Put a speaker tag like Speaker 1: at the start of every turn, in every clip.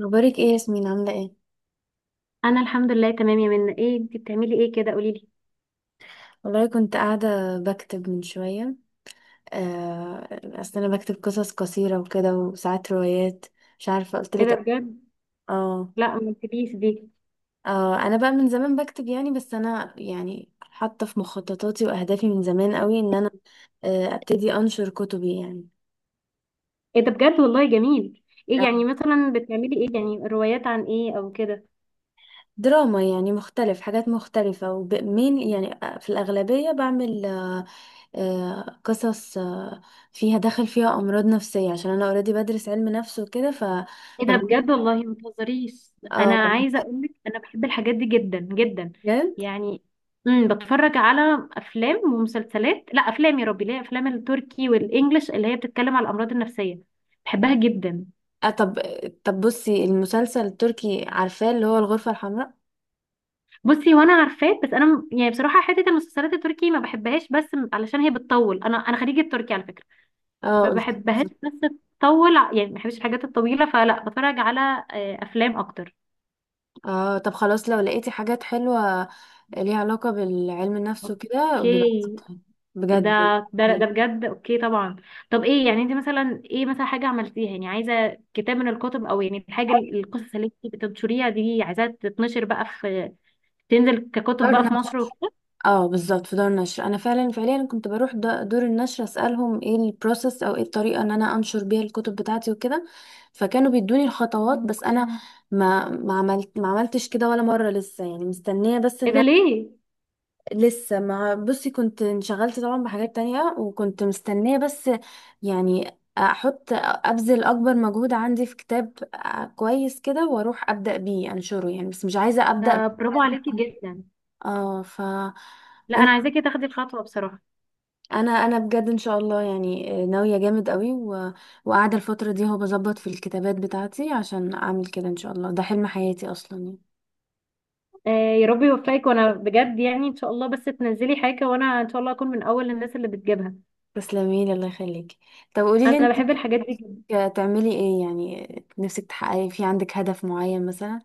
Speaker 1: اخبارك ايه يا ياسمين، عامله ايه؟
Speaker 2: انا الحمد لله تمام يا منى. ايه انت بتعملي ايه كده؟ قولي لي.
Speaker 1: والله كنت قاعده بكتب من شويه. آه، اصل انا بكتب قصص قصيره وكده، وساعات روايات. مش عارفه قلت
Speaker 2: ايه ده
Speaker 1: لك.
Speaker 2: بجد؟
Speaker 1: اه.
Speaker 2: لا ما قلتليش دي.
Speaker 1: اه انا بقى من زمان بكتب يعني، بس انا يعني حاطه في مخططاتي واهدافي من زمان قوي ان انا ابتدي انشر كتبي يعني.
Speaker 2: ايه ده بجد والله جميل. ايه يعني
Speaker 1: آه.
Speaker 2: مثلا بتعملي ايه؟ يعني روايات عن ايه او كده؟
Speaker 1: دراما يعني، مختلف حاجات مختلفه، ومين يعني في الاغلبيه بعمل قصص فيها دخل، فيها امراض نفسيه، عشان انا اوريدي بدرس علم نفس وكده.
Speaker 2: ايه
Speaker 1: ف-
Speaker 2: ده بجد والله ما تهزريش. انا
Speaker 1: اه.
Speaker 2: عايزه اقول لك انا بحب الحاجات دي جدا جدا.
Speaker 1: بجد.
Speaker 2: يعني بتفرج على افلام ومسلسلات. لا افلام، يا ربي ليه، افلام التركي والانجليش اللي هي بتتكلم على الامراض النفسيه، بحبها جدا.
Speaker 1: طب طب بصي المسلسل التركي، عارفاه اللي هو الغرفه الحمراء.
Speaker 2: بصي وانا عارفاه، بس انا يعني بصراحه حته المسلسلات التركي ما بحبهاش، بس علشان هي بتطول. انا خريجه تركي على فكره.
Speaker 1: اه
Speaker 2: ما
Speaker 1: قلت.
Speaker 2: بحبهاش، بس تطول. يعني ما بحبش الحاجات الطويله، فلا بتفرج على افلام اكتر.
Speaker 1: اه طب خلاص، لو لقيتي حاجات حلوه ليها علاقه بالعلم النفس وكده
Speaker 2: اوكي.
Speaker 1: ببعتيها.
Speaker 2: ده
Speaker 1: بجد.
Speaker 2: ده بجد، اوكي طبعا. طب ايه يعني انت مثلا، ايه مثلا حاجه عملتيها يعني، عايزه كتاب من الكتب؟ او يعني الحاجه القصص اللي انت بتنشريها دي عايزاها تتنشر بقى في، تنزل ككتب بقى في مصر وكده؟
Speaker 1: اه بالظبط، في دار النشر انا فعلا فعليا كنت بروح دور النشر، اسالهم ايه البروسيس او ايه الطريقه ان انا انشر بيها الكتب بتاعتي وكده. فكانوا بيدوني الخطوات. بس انا ما عملتش كده ولا مره لسه، يعني مستنيه، بس ان
Speaker 2: ايه ده
Speaker 1: انا
Speaker 2: ليه؟
Speaker 1: لسه ما بصي، كنت انشغلت طبعا بحاجات تانية، وكنت مستنيه، بس يعني احط ابذل اكبر مجهود عندي في كتاب كويس كده، واروح ابدا بيه انشره يعني. بس مش عايزه ابدا. ب-
Speaker 2: ده برافو عليكي جدا.
Speaker 1: اه.
Speaker 2: لا انا عايزاكي تاخدي الخطوه بصراحه.
Speaker 1: انا بجد ان شاء الله، يعني ناويه جامد قوي وقاعده الفتره دي هو بظبط في الكتابات بتاعتي عشان اعمل كده، ان شاء الله ده حلم حياتي اصلا يعني.
Speaker 2: يا رب يوفقك، وانا بجد يعني ان شاء الله بس تنزلي حاجه وانا ان شاء الله اكون من اول الناس اللي بتجيبها.
Speaker 1: تسلمي لي، الله يخليكي. طب قولي لي
Speaker 2: انا
Speaker 1: انت
Speaker 2: بحب الحاجات دي جدا.
Speaker 1: تعملي ايه، يعني نفسك تحققي، في عندك هدف معين مثلا؟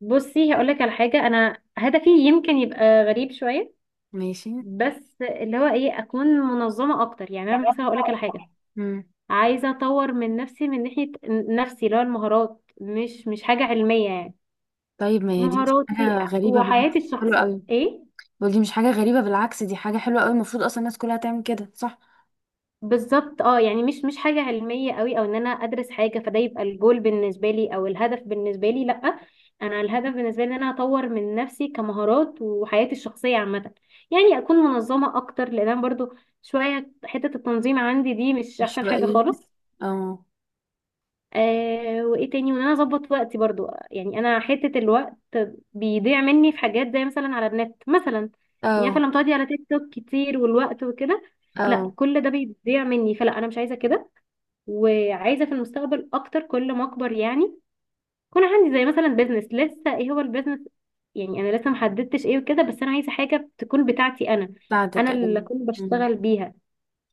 Speaker 2: بصي هقول لك على حاجه، انا هدفي يمكن يبقى غريب شويه،
Speaker 1: ماشي.
Speaker 2: بس اللي هو ايه، اكون منظمه اكتر. يعني انا مثلا هقول لك على حاجه،
Speaker 1: مم.
Speaker 2: عايزه اطور من نفسي من ناحيه نفسي، اللي هو المهارات، مش حاجه علميه يعني،
Speaker 1: طيب ما هي دي مش
Speaker 2: مهاراتي
Speaker 1: حاجه غريبه،
Speaker 2: وحياتي
Speaker 1: بالعكس حلوه
Speaker 2: الشخصيه.
Speaker 1: قوي.
Speaker 2: ايه
Speaker 1: ودي مش حاجه غريبه، بالعكس دي حاجه حلوه قوي، المفروض اصلا الناس كلها تعمل كده، صح؟
Speaker 2: بالظبط، اه يعني مش حاجة علمية قوي او ان انا ادرس حاجة، فده يبقى الجول بالنسبة لي او الهدف بالنسبة لي. لا، انا الهدف بالنسبة لي ان انا اطور من نفسي كمهارات وحياتي الشخصية عامة. يعني اكون منظمة اكتر، لان انا برضو شوية حتة التنظيم عندي دي مش
Speaker 1: مش
Speaker 2: احسن حاجة
Speaker 1: بقى.
Speaker 2: خالص.
Speaker 1: اه.
Speaker 2: آه، وايه تاني، وان انا اظبط وقتي برضو، يعني انا حتة الوقت بيضيع مني في حاجات، زي مثلا على النت مثلا، يعني
Speaker 1: اه.
Speaker 2: فلما تقعدي على تيك توك كتير والوقت وكده،
Speaker 1: اه
Speaker 2: لا كل ده بيضيع مني، فلا انا مش عايزة كده. وعايزه في المستقبل اكتر كل ما اكبر يعني يكون عندي زي مثلا بيزنس. لسه ايه هو البيزنس؟ يعني انا لسه محددتش ايه وكده، بس انا عايزه حاجه تكون بتاعتي انا،
Speaker 1: بتاعتك،
Speaker 2: انا اللي
Speaker 1: ايوه.
Speaker 2: اكون
Speaker 1: مم.
Speaker 2: بشتغل بيها.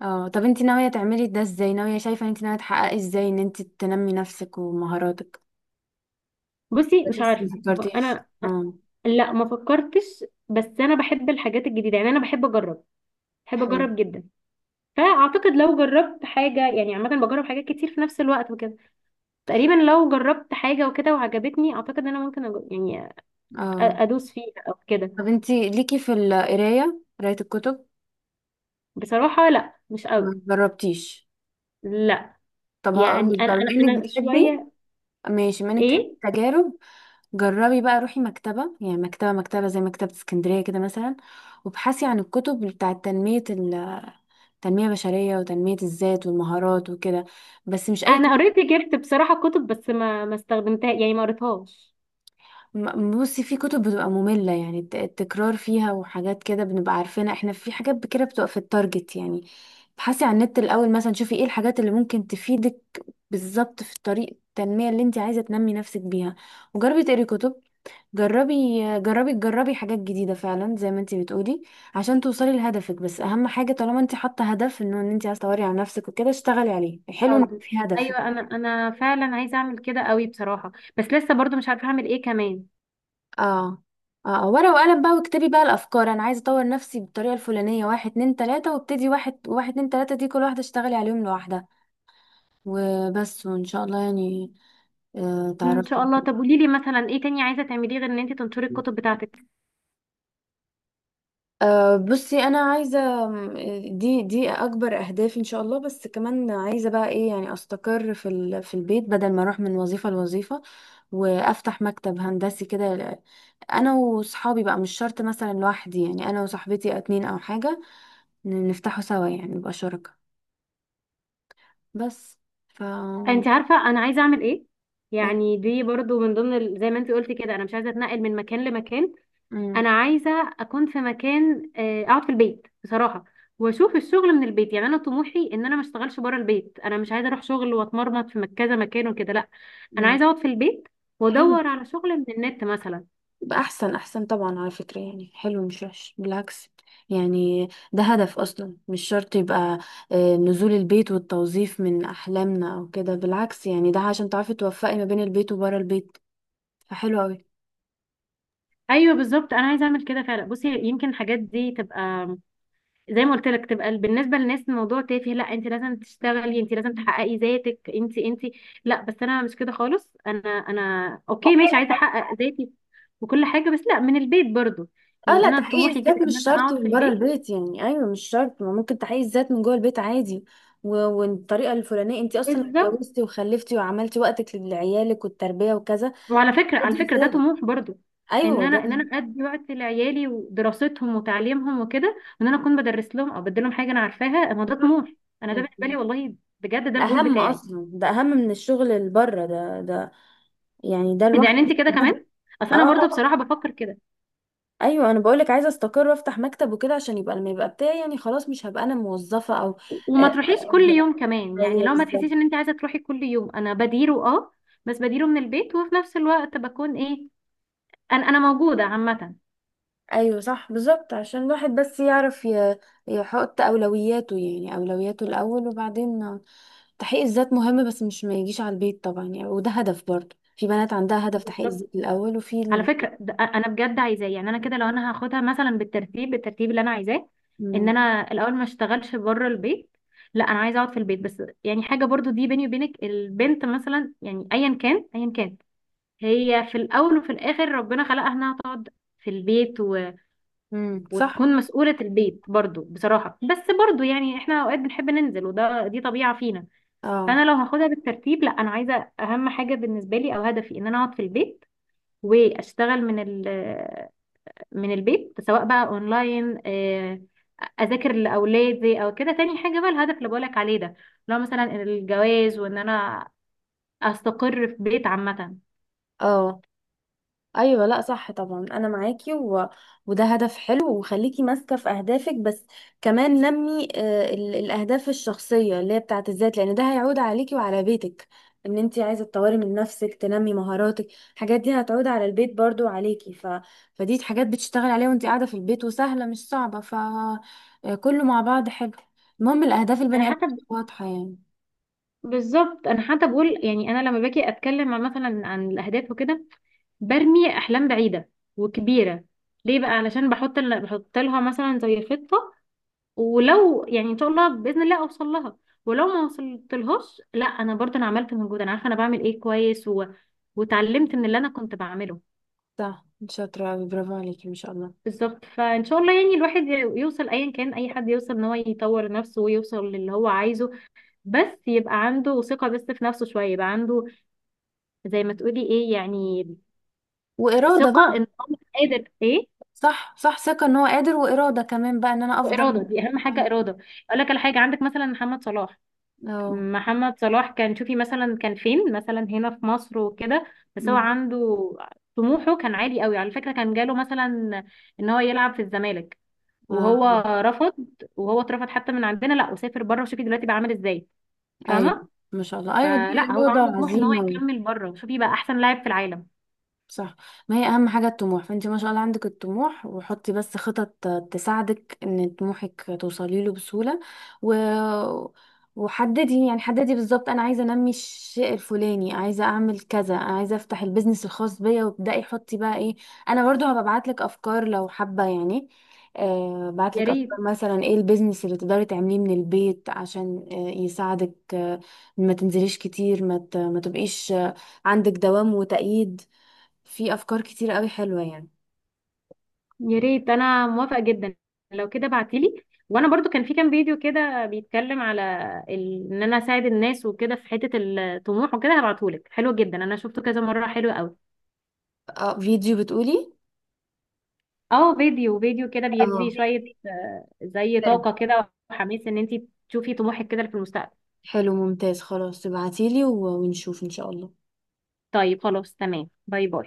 Speaker 1: اه طب انت ناوية تعملي ده ازاي؟ ناوية، شايفة ان انت ناوية تحققي ازاي ان انت تنمي نفسك ومهاراتك؟
Speaker 2: بصي مش
Speaker 1: بس ما
Speaker 2: عارفه، هو
Speaker 1: فكرتيش.
Speaker 2: انا
Speaker 1: اه.
Speaker 2: لا ما فكرتش، بس انا بحب الحاجات الجديده يعني، انا بحب اجرب، بحب
Speaker 1: حلو.
Speaker 2: اجرب جدا. فاعتقد لو جربت حاجه يعني عامه، بجرب حاجات كتير في نفس الوقت وكده، تقريبا لو جربت حاجه وكده وعجبتني، اعتقد ان انا ممكن
Speaker 1: اه
Speaker 2: ادوس فيها او كده.
Speaker 1: طب انت ليكي في القراية، قراية الكتب؟
Speaker 2: بصراحه لا، مش قوي.
Speaker 1: ما جربتيش.
Speaker 2: لا
Speaker 1: طب
Speaker 2: يعني
Speaker 1: هقولك
Speaker 2: انا
Speaker 1: بقى، بما
Speaker 2: انا
Speaker 1: انك
Speaker 2: انا
Speaker 1: بتحبي.
Speaker 2: شويه.
Speaker 1: ماشي، بما انك بتحبي
Speaker 2: ايه،
Speaker 1: التجارب، جربي بقى روحي مكتبة، يعني مكتبة زي مكتبة اسكندرية كده مثلا، وابحثي عن الكتب بتاعة تنمية التنمية البشرية، وتنمية الذات والمهارات وكده. بس مش اي
Speaker 2: انا
Speaker 1: كتب.
Speaker 2: قريت، جبت بصراحه كتب بس ما استخدمتها يعني، ما قريتهاش.
Speaker 1: بصي، في كتب بتبقى مملة يعني، التكرار فيها وحاجات كده بنبقى عارفينها احنا، في حاجات كده بتبقى في التارجت يعني. ابحثي عن النت الأول مثلا، شوفي ايه الحاجات اللي ممكن تفيدك بالظبط في طريق التنمية اللي انت عايزة تنمي نفسك بيها، وجربي تقري كتب. جربي. تجربي حاجات جديدة فعلا زي ما انت بتقولي عشان توصلي لهدفك. بس أهم حاجة، طالما انت حاطة هدف انه ان انت عايزة تطوري على نفسك وكده، اشتغلي عليه. حلو ان
Speaker 2: باودر،
Speaker 1: في هدف.
Speaker 2: ايوه انا انا فعلا عايزه اعمل كده قوي بصراحه، بس لسه برضو مش عارفه اعمل ايه كمان.
Speaker 1: اه. اه. ورقة وقلم بقى، واكتبي بقى الافكار: انا عايزة اطور نفسي بالطريقة الفلانية، واحد اتنين تلاتة، وابتدي واحد واحد اتنين تلاتة، دي كل واحدة اشتغلي عليهم لوحدها. وبس، وان شاء الله يعني. آه
Speaker 2: ان شاء
Speaker 1: تعرفي.
Speaker 2: الله. طب قولي لي مثلا ايه تاني عايزه تعمليه غير ان انت تنشري الكتب بتاعتك؟
Speaker 1: بصي انا عايزة دي اكبر اهدافي ان شاء الله، بس كمان عايزة بقى ايه، يعني استقر في البيت بدل ما اروح من وظيفة لوظيفة، وافتح مكتب هندسي كده انا وصحابي بقى، مش شرط مثلا لوحدي، يعني انا وصاحبتي اتنين او حاجة نفتحه سوا، يعني نبقى شركاء. بس. ف
Speaker 2: انت عارفه انا عايزه اعمل ايه،
Speaker 1: و-
Speaker 2: يعني دي برضو من ضمن زي ما انت قلتي كده، انا مش عايزه اتنقل من مكان لمكان.
Speaker 1: مم.
Speaker 2: انا عايزه اكون في مكان، اقعد في البيت بصراحه واشوف الشغل من البيت. يعني انا طموحي ان انا ما اشتغلش بره البيت، انا مش عايزه اروح شغل واتمرمط في كذا مكان وكده. لا، انا
Speaker 1: مم.
Speaker 2: عايزه اقعد في البيت
Speaker 1: حلو.
Speaker 2: وادور على شغل من النت مثلا.
Speaker 1: يبقى احسن احسن طبعا على فكرة، يعني حلو مش وحش بالعكس، يعني ده هدف اصلا، مش شرط يبقى نزول البيت والتوظيف من احلامنا او كده، بالعكس يعني ده عشان تعرفي توفقي ما بين البيت وبره البيت، فحلو قوي.
Speaker 2: ايوه بالظبط، انا عايزه اعمل كده فعلا. بصي يمكن الحاجات دي تبقى، زي ما قلت لك، تبقى بالنسبه للناس الموضوع تافه، لا انت لازم تشتغلي، انت لازم تحققي ذاتك انت انت. لا بس انا مش كده خالص، انا اوكي ماشي، عايزه احقق ذاتي وكل حاجه، بس لا، من البيت برضو.
Speaker 1: اه
Speaker 2: يعني
Speaker 1: لا،
Speaker 2: انا
Speaker 1: تحقيق
Speaker 2: طموحي كده
Speaker 1: الذات
Speaker 2: ان
Speaker 1: مش
Speaker 2: انا
Speaker 1: شرط
Speaker 2: اقعد في
Speaker 1: من بره
Speaker 2: البيت.
Speaker 1: البيت، يعني ايوه مش شرط، ما ممكن تحقيق الذات من جوه البيت عادي. والطريقه الفلانيه، انت اصلا لو
Speaker 2: بالظبط.
Speaker 1: اتجوزتي وخلفتي وعملتي وقتك لعيالك والتربيه وكذا،
Speaker 2: وعلى فكره على
Speaker 1: دي
Speaker 2: فكره ده
Speaker 1: رساله.
Speaker 2: طموح برضو، ان
Speaker 1: ايوه
Speaker 2: انا،
Speaker 1: ده
Speaker 2: ان انا ادي وقت لعيالي ودراستهم وتعليمهم وكده، وان انا اكون بدرس لهم او بدي لهم حاجه انا عارفاها، ما ده
Speaker 1: صح.
Speaker 2: طموح. انا ده بالنسبه لي
Speaker 1: انت-
Speaker 2: والله، بجد ده الجول
Speaker 1: اهم،
Speaker 2: بتاعي.
Speaker 1: اصلا ده اهم من الشغل اللي بره، ده يعني ده
Speaker 2: ده يعني انت
Speaker 1: لوحده
Speaker 2: كده
Speaker 1: هدف.
Speaker 2: كمان. اصل
Speaker 1: اه.
Speaker 2: انا برضو
Speaker 1: آه.
Speaker 2: بصراحه بفكر كده.
Speaker 1: ايوه انا بقولك، عايزه استقر وافتح مكتب وكده عشان يبقى، لما يبقى بتاعي يعني، خلاص مش هبقى انا موظفه او
Speaker 2: وما
Speaker 1: آه،
Speaker 2: تروحيش
Speaker 1: آه،
Speaker 2: كل يوم كمان يعني،
Speaker 1: ايوه
Speaker 2: لو ما تحسيش ان
Speaker 1: بالظبط.
Speaker 2: انت عايزه تروحي كل يوم، انا بديره. اه بس بديره من البيت، وفي نفس الوقت بكون ايه، انا موجوده عامه.
Speaker 1: ايوه صح بالظبط، عشان الواحد بس يعرف يحط اولوياته، يعني اولوياته الاول وبعدين تحقيق الذات. مهم، بس مش ما يجيش على البيت طبعا يعني، وده هدف برضه، في بنات عندها هدف تحقيق
Speaker 2: بالظبط.
Speaker 1: الذات الاول.
Speaker 2: على فكره ده انا بجد عايزاه، يعني انا كده لو انا هاخدها مثلا بالترتيب، بالترتيب اللي انا عايزاه، ان
Speaker 1: مم.
Speaker 2: انا الاول ما اشتغلش بره البيت، لا انا عايزه اقعد في البيت. بس يعني حاجه برضو دي بيني وبينك، البنت مثلا يعني ايا كان هي في الاول وفي الاخر ربنا خلقها انها تقعد في البيت
Speaker 1: مم. صح.
Speaker 2: وتكون مسؤولة البيت برضو بصراحة، بس برضو يعني احنا اوقات بنحب ننزل، وده دي طبيعة فينا.
Speaker 1: اه.
Speaker 2: فانا لو هاخدها بالترتيب، لا انا عايزة اهم حاجة بالنسبة لي او هدفي ان انا اقعد في البيت واشتغل من من البيت، سواء بقى اونلاين، اذاكر لاولادي او كده. تاني حاجة بقى الهدف اللي بقولك عليه ده، لو مثلا الجواز، وان انا استقر في بيت عامة.
Speaker 1: اه. ايوه لا صح طبعا، انا معاكي، وده هدف حلو، وخليكي ماسكه في اهدافك، بس كمان نمي الاهداف الشخصيه اللي هي بتاعت الذات، لان ده هيعود عليكي وعلى بيتك، ان انت عايزه تطوري من نفسك تنمي مهاراتك، الحاجات دي هتعود على البيت برضو وعليكي. فدي حاجات بتشتغل عليها وانت قاعده في البيت، وسهله مش صعبه. ف آه، كله مع بعض حلو. المهم الاهداف
Speaker 2: انا
Speaker 1: البني ادم
Speaker 2: حتى ب-
Speaker 1: واضحه يعني.
Speaker 2: بالظبط، انا حتى بقول يعني، انا لما باجي اتكلم عن مثلا عن الاهداف وكده، برمي احلام بعيده وكبيره. ليه بقى؟ علشان بحط بحط لها مثلا زي خطه، ولو يعني ان شاء الله باذن الله اوصل لها، ولو ما وصلت لهاش، لا انا برضه انا عملت مجهود، انا عارفه انا بعمل ايه كويس، و... وتعلمت من اللي انا كنت بعمله.
Speaker 1: صح، شاطره أوي، برافو عليكي ما شاء الله.
Speaker 2: بالظبط، فان شاء الله يعني الواحد يوصل، ايا كان اي حد، يوصل ان هو يطور نفسه ويوصل للي هو عايزه. بس يبقى عنده ثقه، بس في نفسه شويه، يبقى عنده، زي ما تقولي ايه يعني،
Speaker 1: واراده
Speaker 2: ثقه
Speaker 1: بقى.
Speaker 2: ان هو قادر. ايه،
Speaker 1: صح، صح، ثقة ان هو قادر، وإرادة كمان بقى ان انا
Speaker 2: واراده.
Speaker 1: افضل.
Speaker 2: دي اهم حاجه، اراده. اقول لك على حاجه، عندك مثلا محمد صلاح،
Speaker 1: اه.
Speaker 2: محمد صلاح كان، شوفي مثلا كان فين، مثلا هنا في مصر وكده، بس هو
Speaker 1: أمم.
Speaker 2: عنده طموحه كان عالي قوي. على فكره كان جاله مثلا ان هو يلعب في الزمالك،
Speaker 1: اه.
Speaker 2: وهو رفض، وهو اترفض حتى من عندنا، لا وسافر بره، وشوفي دلوقتي بقى عامل ازاي.
Speaker 1: ايوه
Speaker 2: فاهمه؟
Speaker 1: ما شاء الله. ايوه دي
Speaker 2: فلا هو
Speaker 1: إرادة
Speaker 2: عنده طموح ان هو
Speaker 1: وعزيمة.
Speaker 2: يكمل بره، شوفي بقى احسن لاعب في العالم.
Speaker 1: صح. ما هي اهم حاجة الطموح، فانت ما شاء الله عندك الطموح، وحطي بس خطط تساعدك ان طموحك توصلي له بسهولة. و... وحددي يعني، حددي بالظبط: انا عايزة انمي الشيء الفلاني، عايزة اعمل كذا، عايزة افتح البيزنس الخاص بيا، وابدأي حطي بقى ايه. انا برضو هبقى ابعتلك افكار لو حابة يعني،
Speaker 2: يا
Speaker 1: بعتلك افكار
Speaker 2: ريت.
Speaker 1: مثلا ايه البيزنس اللي تقدري تعمليه من البيت عشان يساعدك ما تنزليش كتير، ما تبقيش عندك دوام وتأييد. في افكار كتير قوي حلوه يعني.
Speaker 2: يا ريت، انا موافقه جدا. لو كده بعتيلي، وانا برضو كان في كام فيديو كده بيتكلم على ان انا اساعد الناس وكده في حته الطموح وكده، هبعتهولك. حلو جدا، انا شفته كذا مره، حلو قوي.
Speaker 1: اه، فيديو بتقولي؟
Speaker 2: اه، فيديو كده بيدي
Speaker 1: اه
Speaker 2: شويه، زي
Speaker 1: حلو.
Speaker 2: طاقه كده وحماس ان انتي تشوفي طموحك كده في المستقبل.
Speaker 1: حلو ممتاز، خلاص تبعتيلي ونشوف ان شاء الله.
Speaker 2: طيب خلاص تمام، باي باي.